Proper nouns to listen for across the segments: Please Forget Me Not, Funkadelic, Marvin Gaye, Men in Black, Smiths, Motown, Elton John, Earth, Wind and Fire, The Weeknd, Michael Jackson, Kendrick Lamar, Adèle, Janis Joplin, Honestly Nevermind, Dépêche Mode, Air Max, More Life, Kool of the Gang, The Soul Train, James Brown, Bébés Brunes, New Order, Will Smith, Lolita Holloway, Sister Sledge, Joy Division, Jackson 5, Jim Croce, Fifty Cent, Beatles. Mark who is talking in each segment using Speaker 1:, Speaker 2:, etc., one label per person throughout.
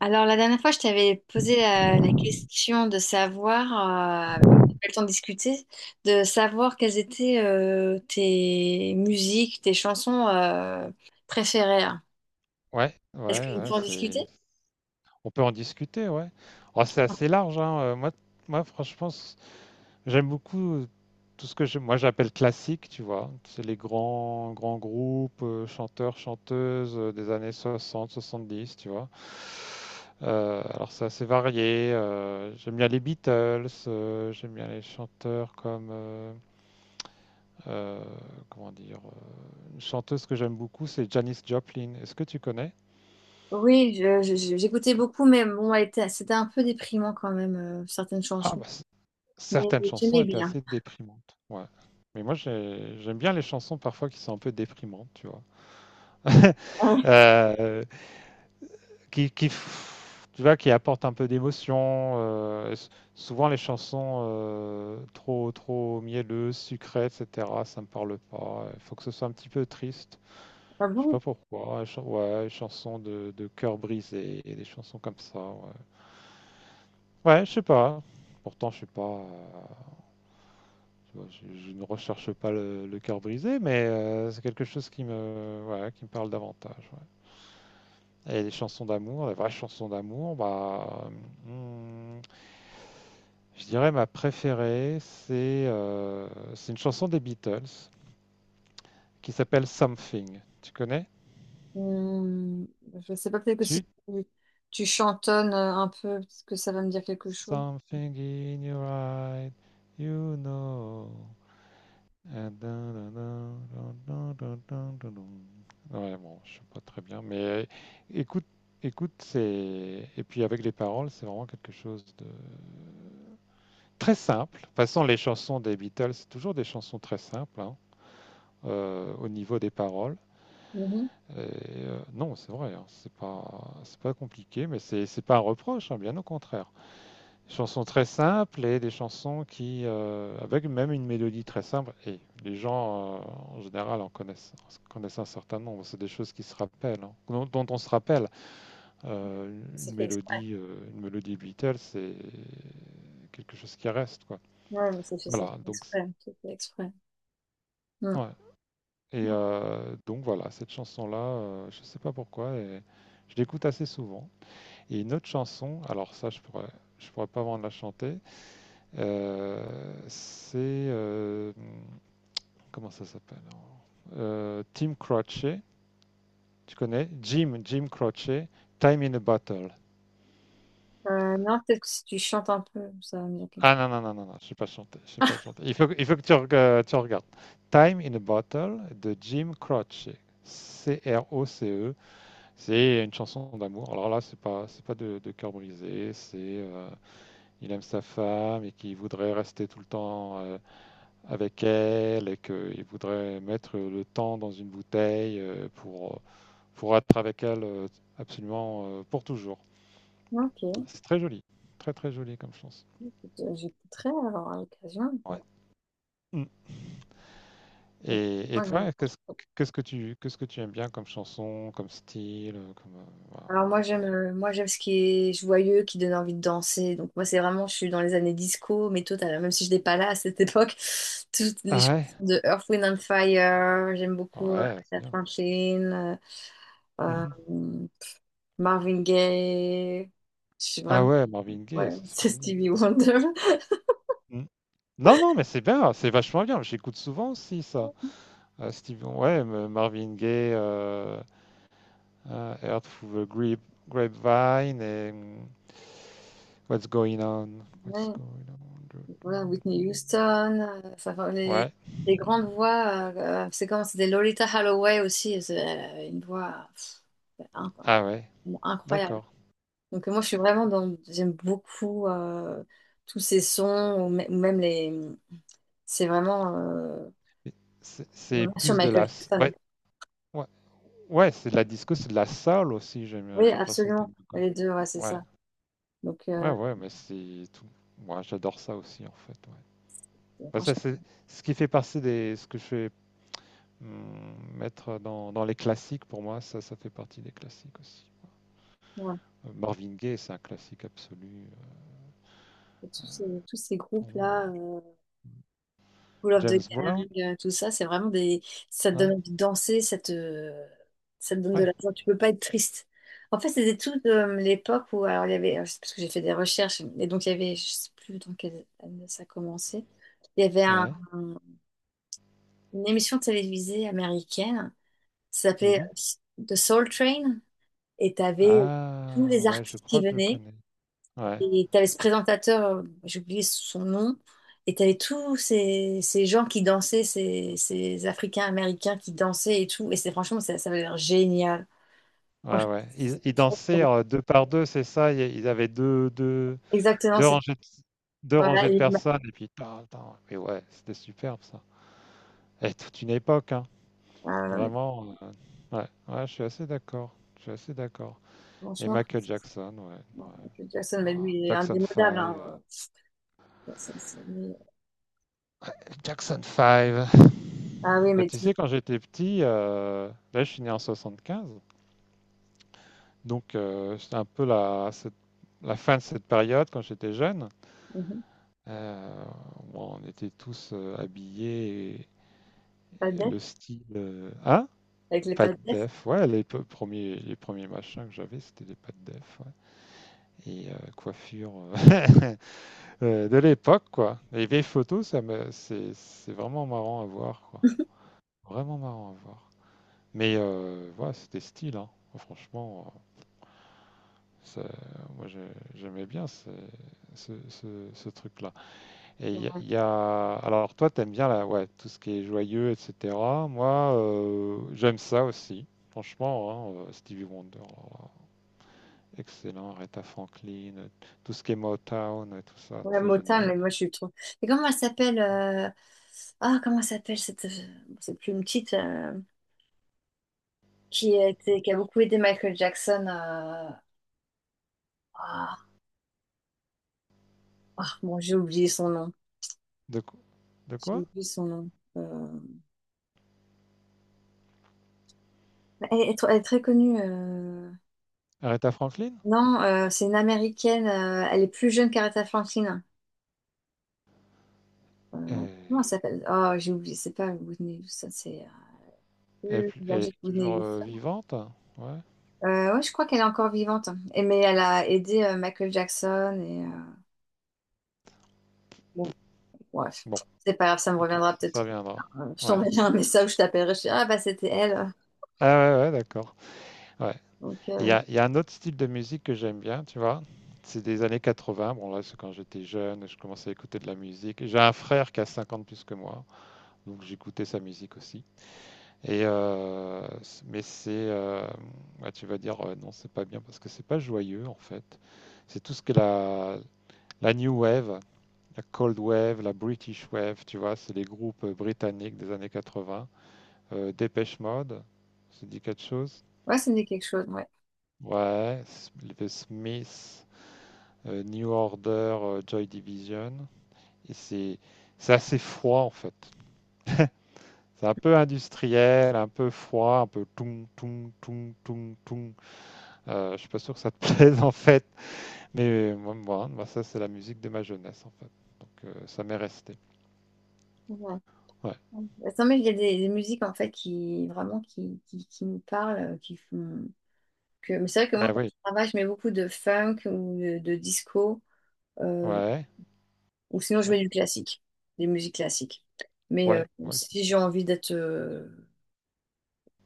Speaker 1: Alors, la dernière fois, je t'avais posé la question de savoir, on a pas le temps de discuter, de savoir quelles étaient tes musiques, tes chansons préférées.
Speaker 2: Ouais, ouais,
Speaker 1: Est-ce qu'on
Speaker 2: ouais,
Speaker 1: peut en discuter?
Speaker 2: c'est. On peut en discuter, ouais. Oh, c'est assez large, hein. Moi, franchement, j'aime beaucoup tout ce que je, moi j'appelle classique, tu vois. C'est les grands, grands groupes, chanteurs, chanteuses des années soixante, soixante-dix, tu vois. Alors c'est assez varié. J'aime bien les Beatles, j'aime bien les chanteurs comme euh, comment dire, une chanteuse que j'aime beaucoup, c'est Janis Joplin. Est-ce que tu connais?
Speaker 1: Oui, j'écoutais beaucoup, mais bon, c'était un peu déprimant quand même, certaines
Speaker 2: Ah,
Speaker 1: chansons.
Speaker 2: bah
Speaker 1: Mais
Speaker 2: certaines chansons
Speaker 1: j'aimais
Speaker 2: étaient
Speaker 1: bien.
Speaker 2: assez déprimantes, ouais. Mais moi, j'aime bien les chansons parfois qui sont un peu déprimantes, tu vois?
Speaker 1: Ah.
Speaker 2: Heu, qui f tu vois, qui apportent un peu d'émotion. S Souvent les chansons, trop trop mielleuses, sucrées, et cetera, ça me parle pas. Il faut que ce soit un petit peu triste.
Speaker 1: Ah
Speaker 2: Je sais
Speaker 1: bon?
Speaker 2: pas pourquoi, les chan ouais, les chansons de cœur brisé, et des chansons comme ça, ouais. Ouais, je sais pas. Pourtant, je suis pas, bon, je ne recherche pas le cœur brisé, mais c'est quelque chose qui me, voilà, qui me parle davantage. Ouais. Et les chansons d'amour, les vraies chansons d'amour, bah, hmm, je dirais ma préférée, c'est une chanson des Beatles qui s'appelle Something. Tu connais?
Speaker 1: Hum, je sais pas, peut-être que si
Speaker 2: Tu?
Speaker 1: tu, tu chantonnes un peu, peut-être que ça va me dire quelque chose.
Speaker 2: Something in your eyes, you know. Dun, dun, dun, dun, dun, dun, dun, dun. Ouais, bon, je sais pas très bien, mais écoute, écoute, c'est et puis avec les paroles, c'est vraiment quelque chose de très simple. De toute façon, les chansons des Beatles, c'est toujours des chansons très simples, hein, au niveau des paroles.
Speaker 1: Mhm.
Speaker 2: Et, non, c'est vrai, hein, c'est pas compliqué, mais c'est pas un reproche, hein, bien au contraire. Des chansons très simples et des chansons qui, avec même une mélodie très simple, et les gens en général en connaissent, un certain nombre. C'est des choses qui se rappellent, hein, dont on se rappelle.
Speaker 1: Ça fait exprès.
Speaker 2: Une mélodie Beatles, c'est quelque chose qui reste, quoi.
Speaker 1: Ouais, mais c'est fait, c'est
Speaker 2: Voilà.
Speaker 1: fait
Speaker 2: Donc,
Speaker 1: exprès. C'est fait exprès. Mm.
Speaker 2: ouais. Et donc voilà, cette chanson-là, je sais pas pourquoi, et je l'écoute assez souvent. Et une autre chanson, alors ça, je pourrais pas vraiment la chanter. C'est Comment ça s'appelle? Euh, Tim Croce, Tu connais Jim Croce, Time in a Bottle.
Speaker 1: Non, peut-être que si tu chantes un peu, ça va me dire quelque
Speaker 2: Ah
Speaker 1: chose.
Speaker 2: non non non non non, je sais pas chanter, je sais pas chanter. Il faut que tu regardes Time in a Bottle de Jim Croce. C R O C E, c'est une chanson d'amour. Alors là, c'est pas de cœur brisé, c'est il aime sa femme et qu'il voudrait rester tout le temps avec elle, et qu'il voudrait mettre le temps dans une bouteille pour être avec elle absolument, pour toujours.
Speaker 1: Ok, écoute,
Speaker 2: C'est très joli, très très joli comme chanson.
Speaker 1: j'écouterai alors à l'occasion.
Speaker 2: Ouais. Mm.
Speaker 1: Mais
Speaker 2: Et
Speaker 1: moi,
Speaker 2: toi,
Speaker 1: je-
Speaker 2: qu'est-ce que tu aimes bien comme chanson, comme style, comme voilà.
Speaker 1: Alors moi j'aime ce qui est joyeux, qui donne envie de danser. Donc moi c'est vraiment, je suis dans les années disco, mais total, même si je n'étais pas là à cette époque, toutes les chansons
Speaker 2: Ah ouais?
Speaker 1: de Earth, Wind and Fire, j'aime beaucoup
Speaker 2: Ouais, c'est
Speaker 1: Aretha
Speaker 2: bien.
Speaker 1: Franklin, euh,
Speaker 2: Mhm.
Speaker 1: euh, Marvin Gaye. Je suis
Speaker 2: Ah
Speaker 1: vraiment.
Speaker 2: ouais, Marvin
Speaker 1: Ouais,
Speaker 2: Gaye, c'est
Speaker 1: c'est
Speaker 2: splendide,
Speaker 1: Stevie
Speaker 2: ça.
Speaker 1: Wonder.
Speaker 2: Mm. Non, non, mais c'est bien, c'est vachement bien. J'écoute souvent aussi ça. Ouais, Marvin Gaye, Earth Through the Grapevine et What's Going On. What's
Speaker 1: Ouais.
Speaker 2: Going On.
Speaker 1: Ouais, Whitney Houston, ça va, les,
Speaker 2: Ouais,
Speaker 1: les grandes voix, c'est comme c'était Lolita Holloway aussi, elle avait une voix pff, in-
Speaker 2: ah ouais,
Speaker 1: incroyable.
Speaker 2: d'accord.
Speaker 1: Donc, moi je suis vraiment dans, j'aime beaucoup tous ces sons, ou ou même les, c'est vraiment euh,
Speaker 2: C'est
Speaker 1: vraiment sur
Speaker 2: plus de
Speaker 1: Michael
Speaker 2: la.
Speaker 1: Jackson.
Speaker 2: Ouais, ouais, ouais, c'est de la disco, c'est de la soul aussi,
Speaker 1: Oui,
Speaker 2: j'ai l'impression que
Speaker 1: absolument,
Speaker 2: t'aimes beaucoup.
Speaker 1: les deux, ouais, c'est
Speaker 2: Ouais,
Speaker 1: ça. Donc,
Speaker 2: ouais, ouais, mais c'est tout. Moi, j'adore ça aussi, en fait. Ouais. Bah, ça,
Speaker 1: franchement,
Speaker 2: c'est ce qui fait partie des. Ce que je fais, mettre dans, les classiques, pour moi, ça fait partie des classiques aussi.
Speaker 1: ouais,
Speaker 2: Marvin Gaye, c'est un classique absolu.
Speaker 1: tous ces
Speaker 2: Pour moi.
Speaker 1: groupes-là. Cool of the
Speaker 2: James
Speaker 1: Gang,
Speaker 2: Brown?
Speaker 1: tout ça, c'est vraiment des. Ça te donne
Speaker 2: Ouais.
Speaker 1: envie de danser, ça te donne de
Speaker 2: Ouais.
Speaker 1: la joie. Tu peux pas être triste. En fait, c'était tout de l'époque où. Alors, il y avait. C'est parce que j'ai fait des recherches, et donc il y avait. Je sais plus dans quelle année ça a commencé. Il y avait un-
Speaker 2: Ouais.
Speaker 1: Une émission télévisée américaine, ça s'appelait
Speaker 2: Mhm.
Speaker 1: The Soul Train, et tu avais tous
Speaker 2: Ah,
Speaker 1: les
Speaker 2: ouais, je
Speaker 1: artistes qui
Speaker 2: crois que je
Speaker 1: venaient.
Speaker 2: connais. Ouais.
Speaker 1: Et t'avais ce présentateur, j'ai oublié son nom, et t'avais tous ces, gens qui dansaient, ces Africains-Américains qui dansaient et tout. Et c'est franchement, ça avait l'air génial.
Speaker 2: Ouais,
Speaker 1: Franchement,
Speaker 2: ouais. Ils,
Speaker 1: c'était
Speaker 2: ils
Speaker 1: trop, trop
Speaker 2: dansaient,
Speaker 1: bien.
Speaker 2: deux par deux, c'est ça? Ils avaient deux, deux,
Speaker 1: Exactement,
Speaker 2: deux
Speaker 1: c'est.
Speaker 2: rangées de, deux
Speaker 1: Voilà,
Speaker 2: rangées de personnes, et puis tarn, tarn. Mais ouais, c'était superbe, ça. Et toute une époque, hein.
Speaker 1: ah, non, mais
Speaker 2: Vraiment. Ouais. Ouais, je suis assez d'accord. Je suis assez d'accord. Et
Speaker 1: franchement,
Speaker 2: Michael
Speaker 1: Francis,
Speaker 2: Jackson, ouais.
Speaker 1: bon,
Speaker 2: Ouais.
Speaker 1: Michael Jackson,
Speaker 2: Wow.
Speaker 1: mais lui, il est
Speaker 2: Jackson
Speaker 1: indémodable,
Speaker 2: 5.
Speaker 1: hein. Ça- ça- ça- mais-
Speaker 2: Jackson 5.
Speaker 1: Ah oui,
Speaker 2: Bah,
Speaker 1: mais
Speaker 2: tu
Speaker 1: tout.
Speaker 2: sais, quand j'étais petit, là, je suis né en 75, donc c'était un peu la fin de cette période quand j'étais jeune.
Speaker 1: Mhm.
Speaker 2: Euh, bon, on était tous habillés,
Speaker 1: Pas de
Speaker 2: et
Speaker 1: def,
Speaker 2: le style, hein?
Speaker 1: avec les
Speaker 2: Pas
Speaker 1: pas
Speaker 2: de
Speaker 1: de def.
Speaker 2: def, ouais, les premiers machins que j'avais, c'était des pas de def, ouais. Et coiffure de l'époque, quoi. Les vieilles photos, c'est vraiment marrant à voir, quoi. Vraiment marrant à voir. Mais voilà, c'était style, hein. Franchement, C'est- moi, j'aimais bien ce, ce, ce, ce truc-là. Alors, toi, t'aimes bien ouais, tout ce qui est joyeux, etc. Moi, j'aime ça aussi. Franchement, hein, Stevie Wonder, alors, excellent. Aretha Franklin, tout ce qui est Motown, tout ça,
Speaker 1: Ouais,
Speaker 2: c'est
Speaker 1: Motin,
Speaker 2: génial.
Speaker 1: mais moi je suis trop. Et comment elle s'appelle ah, comment elle s'appelle cette plume petite qui a beaucoup aidé Michael Jackson, Ah, bon, j'ai oublié son nom.
Speaker 2: De, qu- de
Speaker 1: J'ai
Speaker 2: quoi?
Speaker 1: oublié son nom. Euh, elle est très connue.
Speaker 2: Aretha Franklin?
Speaker 1: Non, c'est une Américaine. Elle est plus jeune qu'Aretha Franklin.
Speaker 2: Elle
Speaker 1: Comment elle s'appelle? Oh, j'ai oublié. C'est pas Whitney Houston, c'est
Speaker 2: est plus-
Speaker 1: plus
Speaker 2: elle est
Speaker 1: âgée que
Speaker 2: toujours
Speaker 1: Whitney Houston.
Speaker 2: vivante? Ouais.
Speaker 1: Ouais, je crois qu'elle est encore vivante, hein. Et, mais elle a aidé Michael Jackson et bon. Ouais.
Speaker 2: Bon,
Speaker 1: C'est pas grave, ça me
Speaker 2: ok,
Speaker 1: reviendra peut-être.
Speaker 2: ça viendra.
Speaker 1: Je
Speaker 2: Ouais.
Speaker 1: t'enverrai un message, je t'appellerai, je te ah bah c'était elle.
Speaker 2: Ah ouais, ouais, d'accord. Ouais.
Speaker 1: Donc,
Speaker 2: Il y a, il y a un autre style de musique que j'aime bien, tu vois. C'est des années 80. Bon, là, c'est quand j'étais jeune, je commençais à écouter de la musique. J'ai un frère qui a 50 plus que moi, donc j'écoutais sa musique aussi. Et mais ouais, tu vas dire, non, c'est pas bien parce que c'est pas joyeux en fait. C'est tout ce que la New Wave, la Cold Wave, la British Wave, tu vois, c'est les groupes britanniques des années 80. Dépêche Mode, ça dit quelque chose?
Speaker 1: ouais, ça me dit quelque chose, ouais.
Speaker 2: Ouais, les Smiths, New Order, Joy Division. Et c'est assez froid en fait. C'est un peu industriel, un peu froid, un peu toum, toum, toum, toum, toum. Je ne suis pas sûr que ça te plaise en fait, mais moi, moi, hein, moi, ça, c'est la musique de ma jeunesse en fait. Donc ça m'est resté.
Speaker 1: Ouais.
Speaker 2: Ouais.
Speaker 1: Ouais. Non, mais il y a des, musiques en fait qui vraiment qui me parlent, qui font que. Mais c'est vrai que moi,
Speaker 2: Bah
Speaker 1: quand
Speaker 2: oui.
Speaker 1: je travaille, je mets beaucoup de funk ou de disco, euh,
Speaker 2: Ouais.
Speaker 1: ou sinon je
Speaker 2: Ouais.
Speaker 1: mets du classique, des musiques classiques. Mais
Speaker 2: Ouais. Ouais. c'est-
Speaker 1: si j'ai envie d'être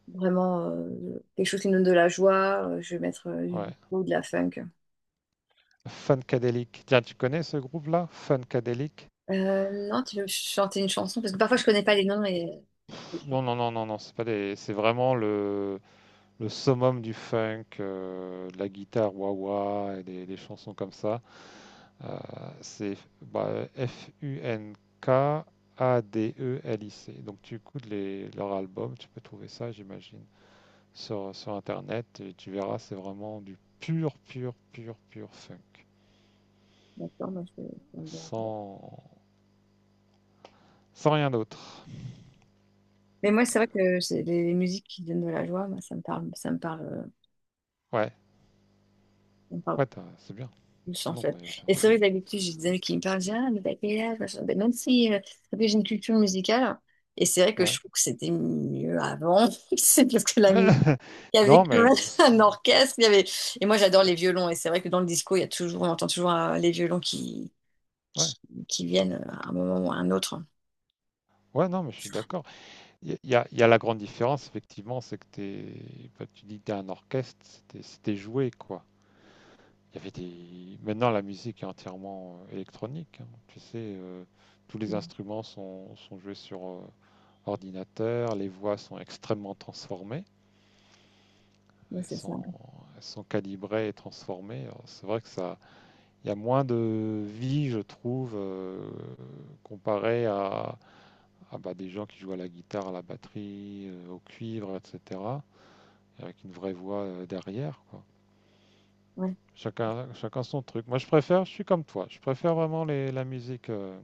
Speaker 1: vraiment quelque chose qui me donne de la joie, je vais mettre du
Speaker 2: ouais.
Speaker 1: disco, de la funk.
Speaker 2: Funkadelic. Tiens, tu connais ce groupe-là? Funkadelic?
Speaker 1: Non, tu veux me chanter une chanson? Parce que parfois, je connais pas les noms et.
Speaker 2: Non, non, non, non, non. C'est pas des. C'est vraiment le summum du funk, de la guitare wah-wah et des chansons comme ça. Euh, c'est, bah, Funkadelic. Donc tu écoutes leur album, tu peux trouver ça, j'imagine, sur Internet, et tu verras, c'est vraiment du pur, pur, pur, pur funk.
Speaker 1: D'accord, moi, je vais regarder.
Speaker 2: Sans, sans rien d'autre.
Speaker 1: Mais moi, c'est vrai que c'est les musiques qui donnent de la joie, moi,
Speaker 2: Ouais,
Speaker 1: ça me parle
Speaker 2: c'est bien.
Speaker 1: plus, en
Speaker 2: Non,
Speaker 1: fait.
Speaker 2: mais
Speaker 1: Et
Speaker 2: t'as
Speaker 1: c'est
Speaker 2: raison,
Speaker 1: vrai que
Speaker 2: hein.
Speaker 1: d'habitude, j'ai des amis qui me parlent, je dis, ah, mais t'as quel âge machin. Mais même si après, j'ai une culture musicale, et c'est vrai que
Speaker 2: Ouais.
Speaker 1: je trouve que c'était mieux avant, c'est parce que la musique, il y avait
Speaker 2: Non,
Speaker 1: quand
Speaker 2: mais
Speaker 1: même
Speaker 2: moi aussi,
Speaker 1: un
Speaker 2: hein.
Speaker 1: orchestre, il y avait. Et moi, j'adore les violons, et c'est vrai que dans le disco, il y a toujours, on entend toujours les violons
Speaker 2: Ouais,
Speaker 1: qui, qui viennent à un moment ou à un autre.
Speaker 2: ouais, non, mais je suis d'accord. Il y a la grande différence, effectivement, c'est que t'es, bah, tu dis que t'es un orchestre, c'était joué, quoi. Il y avait des... Maintenant, la musique est entièrement électronique, hein. Tu sais, tous les
Speaker 1: Ouais,
Speaker 2: instruments sont joués sur ordinateur, les voix sont extrêmement transformées,
Speaker 1: ouais,
Speaker 2: elles
Speaker 1: c'est ça.
Speaker 2: sont, elles sont calibrées et transformées. Alors, c'est vrai que ça, il y a moins de vie, je trouve, comparé à, bah, des gens qui jouent à la guitare, à la batterie, au cuivre, etc., avec une vraie voix derrière, quoi.
Speaker 1: Ouais,
Speaker 2: Chacun son truc. Moi, je préfère, je suis comme toi, je préfère vraiment la musique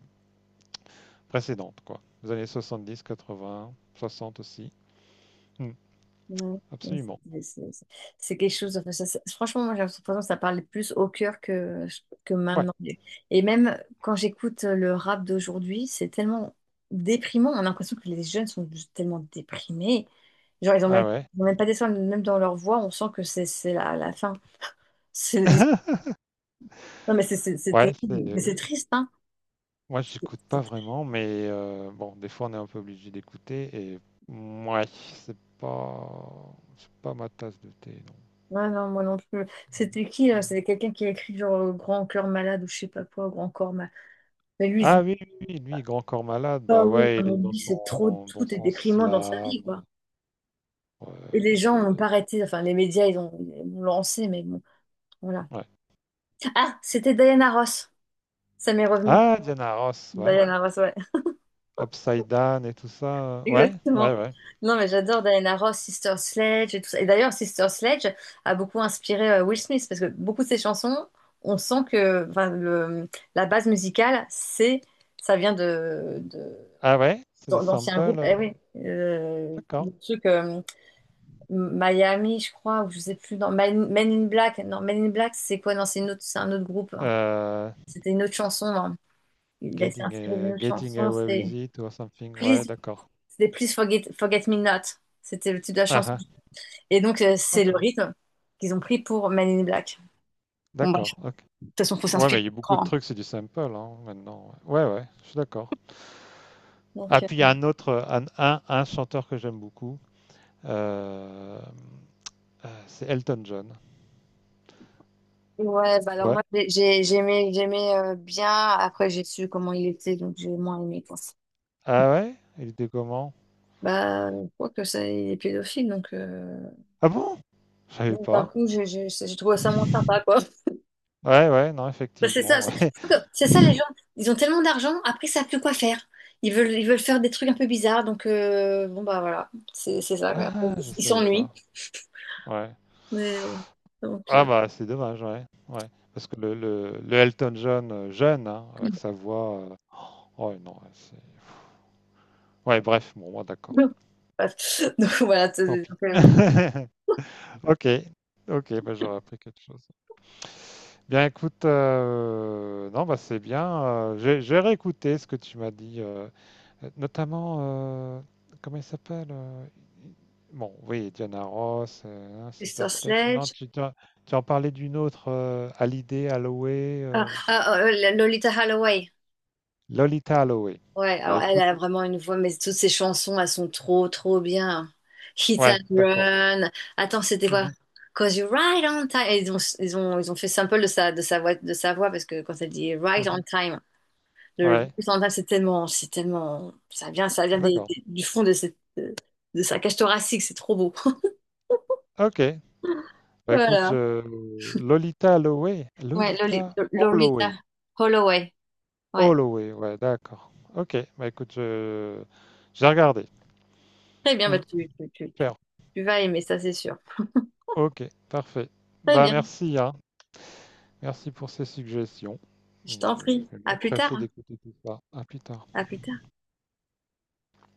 Speaker 2: précédente, quoi. Les années 70, 80, 60 aussi. Hmm,
Speaker 1: ouais, ouais,
Speaker 2: Absolument.
Speaker 1: c'est quelque chose. Enfin, franchement, moi, j'ai l'impression que ça parle plus au cœur que
Speaker 2: Ouais.
Speaker 1: maintenant. Et même quand j'écoute le rap d'aujourd'hui, c'est tellement déprimant. On a l'impression que les jeunes sont juste tellement déprimés. Genre,
Speaker 2: Ah ouais.
Speaker 1: ils ont même pas d'espoir, même dans leur voix, on sent que c'est la fin. C'est- Non, mais c'est
Speaker 2: Ouais, c'est...
Speaker 1: terrible. Mais
Speaker 2: euh,
Speaker 1: c'est triste, hein.
Speaker 2: Moi, j'écoute pas vraiment, mais bon, des fois, on est un peu obligé d'écouter Ouais, c'est pas ma tasse de thé,
Speaker 1: Ouais, non, moi non plus.
Speaker 2: non.
Speaker 1: C'était qui, là?
Speaker 2: Mm.
Speaker 1: C'était quelqu'un qui a écrit genre Grand cœur malade ou je sais pas quoi, Grand corps malade. Mais lui,
Speaker 2: Ah
Speaker 1: il-
Speaker 2: oui, oui, oui, lui, Grand Corps Malade,
Speaker 1: ah
Speaker 2: bah
Speaker 1: oui,
Speaker 2: ouais, il
Speaker 1: non,
Speaker 2: est
Speaker 1: mais
Speaker 2: dans
Speaker 1: lui, c'est trop,
Speaker 2: dans
Speaker 1: tout est
Speaker 2: son
Speaker 1: déprimant dans sa vie,
Speaker 2: slam.
Speaker 1: quoi.
Speaker 2: Ouais,
Speaker 1: Et les
Speaker 2: de-
Speaker 1: gens
Speaker 2: de-
Speaker 1: n'ont pas arrêté, enfin, les médias, ils l'ont lancé, mais bon, voilà.
Speaker 2: ouais.
Speaker 1: Ah, c'était Diana Ross. Ça m'est revenu.
Speaker 2: Ah, Diana Ross, ouais.
Speaker 1: Diana Ross, ouais.
Speaker 2: Upside Down et tout ça. Ouais, ouais,
Speaker 1: Exactement.
Speaker 2: ouais.
Speaker 1: Non, mais j'adore Diana Ross, Sister Sledge et tout ça. Et d'ailleurs, Sister Sledge a beaucoup inspiré Will Smith parce que beaucoup de ses chansons, on sent que enfin, la base musicale, c'est, ça vient
Speaker 2: Ah ouais, c'est des
Speaker 1: d'anciens
Speaker 2: samples.
Speaker 1: groupes. Eh
Speaker 2: euh,
Speaker 1: oui,
Speaker 2: D'accord.
Speaker 1: le truc Miami, je crois, ou je sais plus. Non, Men in Black. Non, Men in Black, c'est quoi? Non, c'est une autre, c'est un autre groupe, hein.
Speaker 2: Euh,
Speaker 1: C'était une autre chanson, hein. S'est
Speaker 2: getting,
Speaker 1: inspiré
Speaker 2: euh,
Speaker 1: d'une autre
Speaker 2: getting
Speaker 1: chanson.
Speaker 2: Away with It or something. Ouais,
Speaker 1: Please,
Speaker 2: d'accord.
Speaker 1: C'était Please Forget Me Not. C'était le titre de la
Speaker 2: Ah,
Speaker 1: chanson.
Speaker 2: ah,
Speaker 1: Et donc, c'est le
Speaker 2: d'accord.
Speaker 1: rythme qu'ils ont pris pour Men in Black. Bon, bref,
Speaker 2: D'accord, ok.
Speaker 1: de toute façon, faut
Speaker 2: Ouais, mais
Speaker 1: s'inspirer
Speaker 2: il y a
Speaker 1: du
Speaker 2: beaucoup de
Speaker 1: grand, hein.
Speaker 2: trucs, c'est du sample, hein, maintenant. Ouais, ouais, je suis d'accord.
Speaker 1: Donc,
Speaker 2: Ah, puis il y a un autre, un chanteur que j'aime beaucoup. euh, c'est Elton John.
Speaker 1: ouais, bah alors
Speaker 2: Ouais.
Speaker 1: moi, j'aimais bien. Après, j'ai su comment il était, donc j'ai moins aimé, quoi.
Speaker 2: Ah ouais? Il était comment?
Speaker 1: Bah, je crois que ça, il est pédophile, donc,
Speaker 2: Ah bon? Je savais
Speaker 1: d'un
Speaker 2: pas.
Speaker 1: coup, j'ai trouvé ça moins sympa, quoi.
Speaker 2: Ouais, ouais, non,
Speaker 1: Bah, c'est ça,
Speaker 2: effectivement,
Speaker 1: c'est
Speaker 2: ouais.
Speaker 1: je crois que c'est ça, les gens, ils ont tellement d'argent, après, ils savent plus quoi faire. Ils veulent faire des trucs un peu bizarres, donc bon, bah voilà, c'est ça, quoi.
Speaker 2: Ah, je
Speaker 1: Ils
Speaker 2: savais
Speaker 1: s'ennuient.
Speaker 2: pas. Ouais.
Speaker 1: Mais- Donc,
Speaker 2: Ah
Speaker 1: euh,
Speaker 2: bah, c'est dommage, ouais. Ouais. Parce que le Elton John jeune, hein, avec sa voix. Oh non, ouais, c'est. Ouais, bref, bon, moi d'accord.
Speaker 1: Donc voilà,
Speaker 2: Tant pis. Ok. Ok, bah, j'aurais appris quelque chose. Bien, écoute, non, bah c'est bien. J'ai réécouté ce que tu m'as dit. Notamment, comment il s'appelle? Bon, oui, Diana Ross, hein, Sister
Speaker 1: Sister
Speaker 2: Sledge. Non,
Speaker 1: Sledge.
Speaker 2: tu en parlais d'une autre, Hallyday, Holloway,
Speaker 1: Ah, ah, oh, Lolita Holloway.
Speaker 2: Lolita Holloway.
Speaker 1: Ouais,
Speaker 2: Bah,
Speaker 1: alors elle
Speaker 2: écoute,
Speaker 1: a vraiment une voix, mais toutes ses chansons, elles sont trop, trop bien. Hit and
Speaker 2: ouais, d'accord.
Speaker 1: Run. Attends, c'était
Speaker 2: Mmh
Speaker 1: quoi?
Speaker 2: mh.
Speaker 1: Cause you right on time. Et ils ont fait sample de sa voix parce que quand elle dit right on
Speaker 2: Mmh.
Speaker 1: time, le right
Speaker 2: Ouais.
Speaker 1: on time, c'est tellement, ça vient
Speaker 2: Ah, d'accord.
Speaker 1: du fond de sa cage thoracique, c'est trop beau.
Speaker 2: OK. Bah, écoute,
Speaker 1: Voilà.
Speaker 2: je Lolita Holloway?
Speaker 1: Ouais,
Speaker 2: Lolita
Speaker 1: Lolita
Speaker 2: Holloway.
Speaker 1: Holloway. Ouais.
Speaker 2: Holloway, ouais, d'accord. OK. Bah, écoute, je vais regarder.
Speaker 1: Très bien, bah
Speaker 2: Mmh. Super.
Speaker 1: tu vas aimer ça, c'est sûr.
Speaker 2: OK, parfait.
Speaker 1: Très
Speaker 2: Bah,
Speaker 1: bien,
Speaker 2: merci, hein. Merci pour ces suggestions.
Speaker 1: je
Speaker 2: Et
Speaker 1: t'en
Speaker 2: je
Speaker 1: prie.
Speaker 2: vais
Speaker 1: À plus tard,
Speaker 2: m'empresser
Speaker 1: hein.
Speaker 2: d'écouter tout ça. À plus tard.
Speaker 1: À plus tard.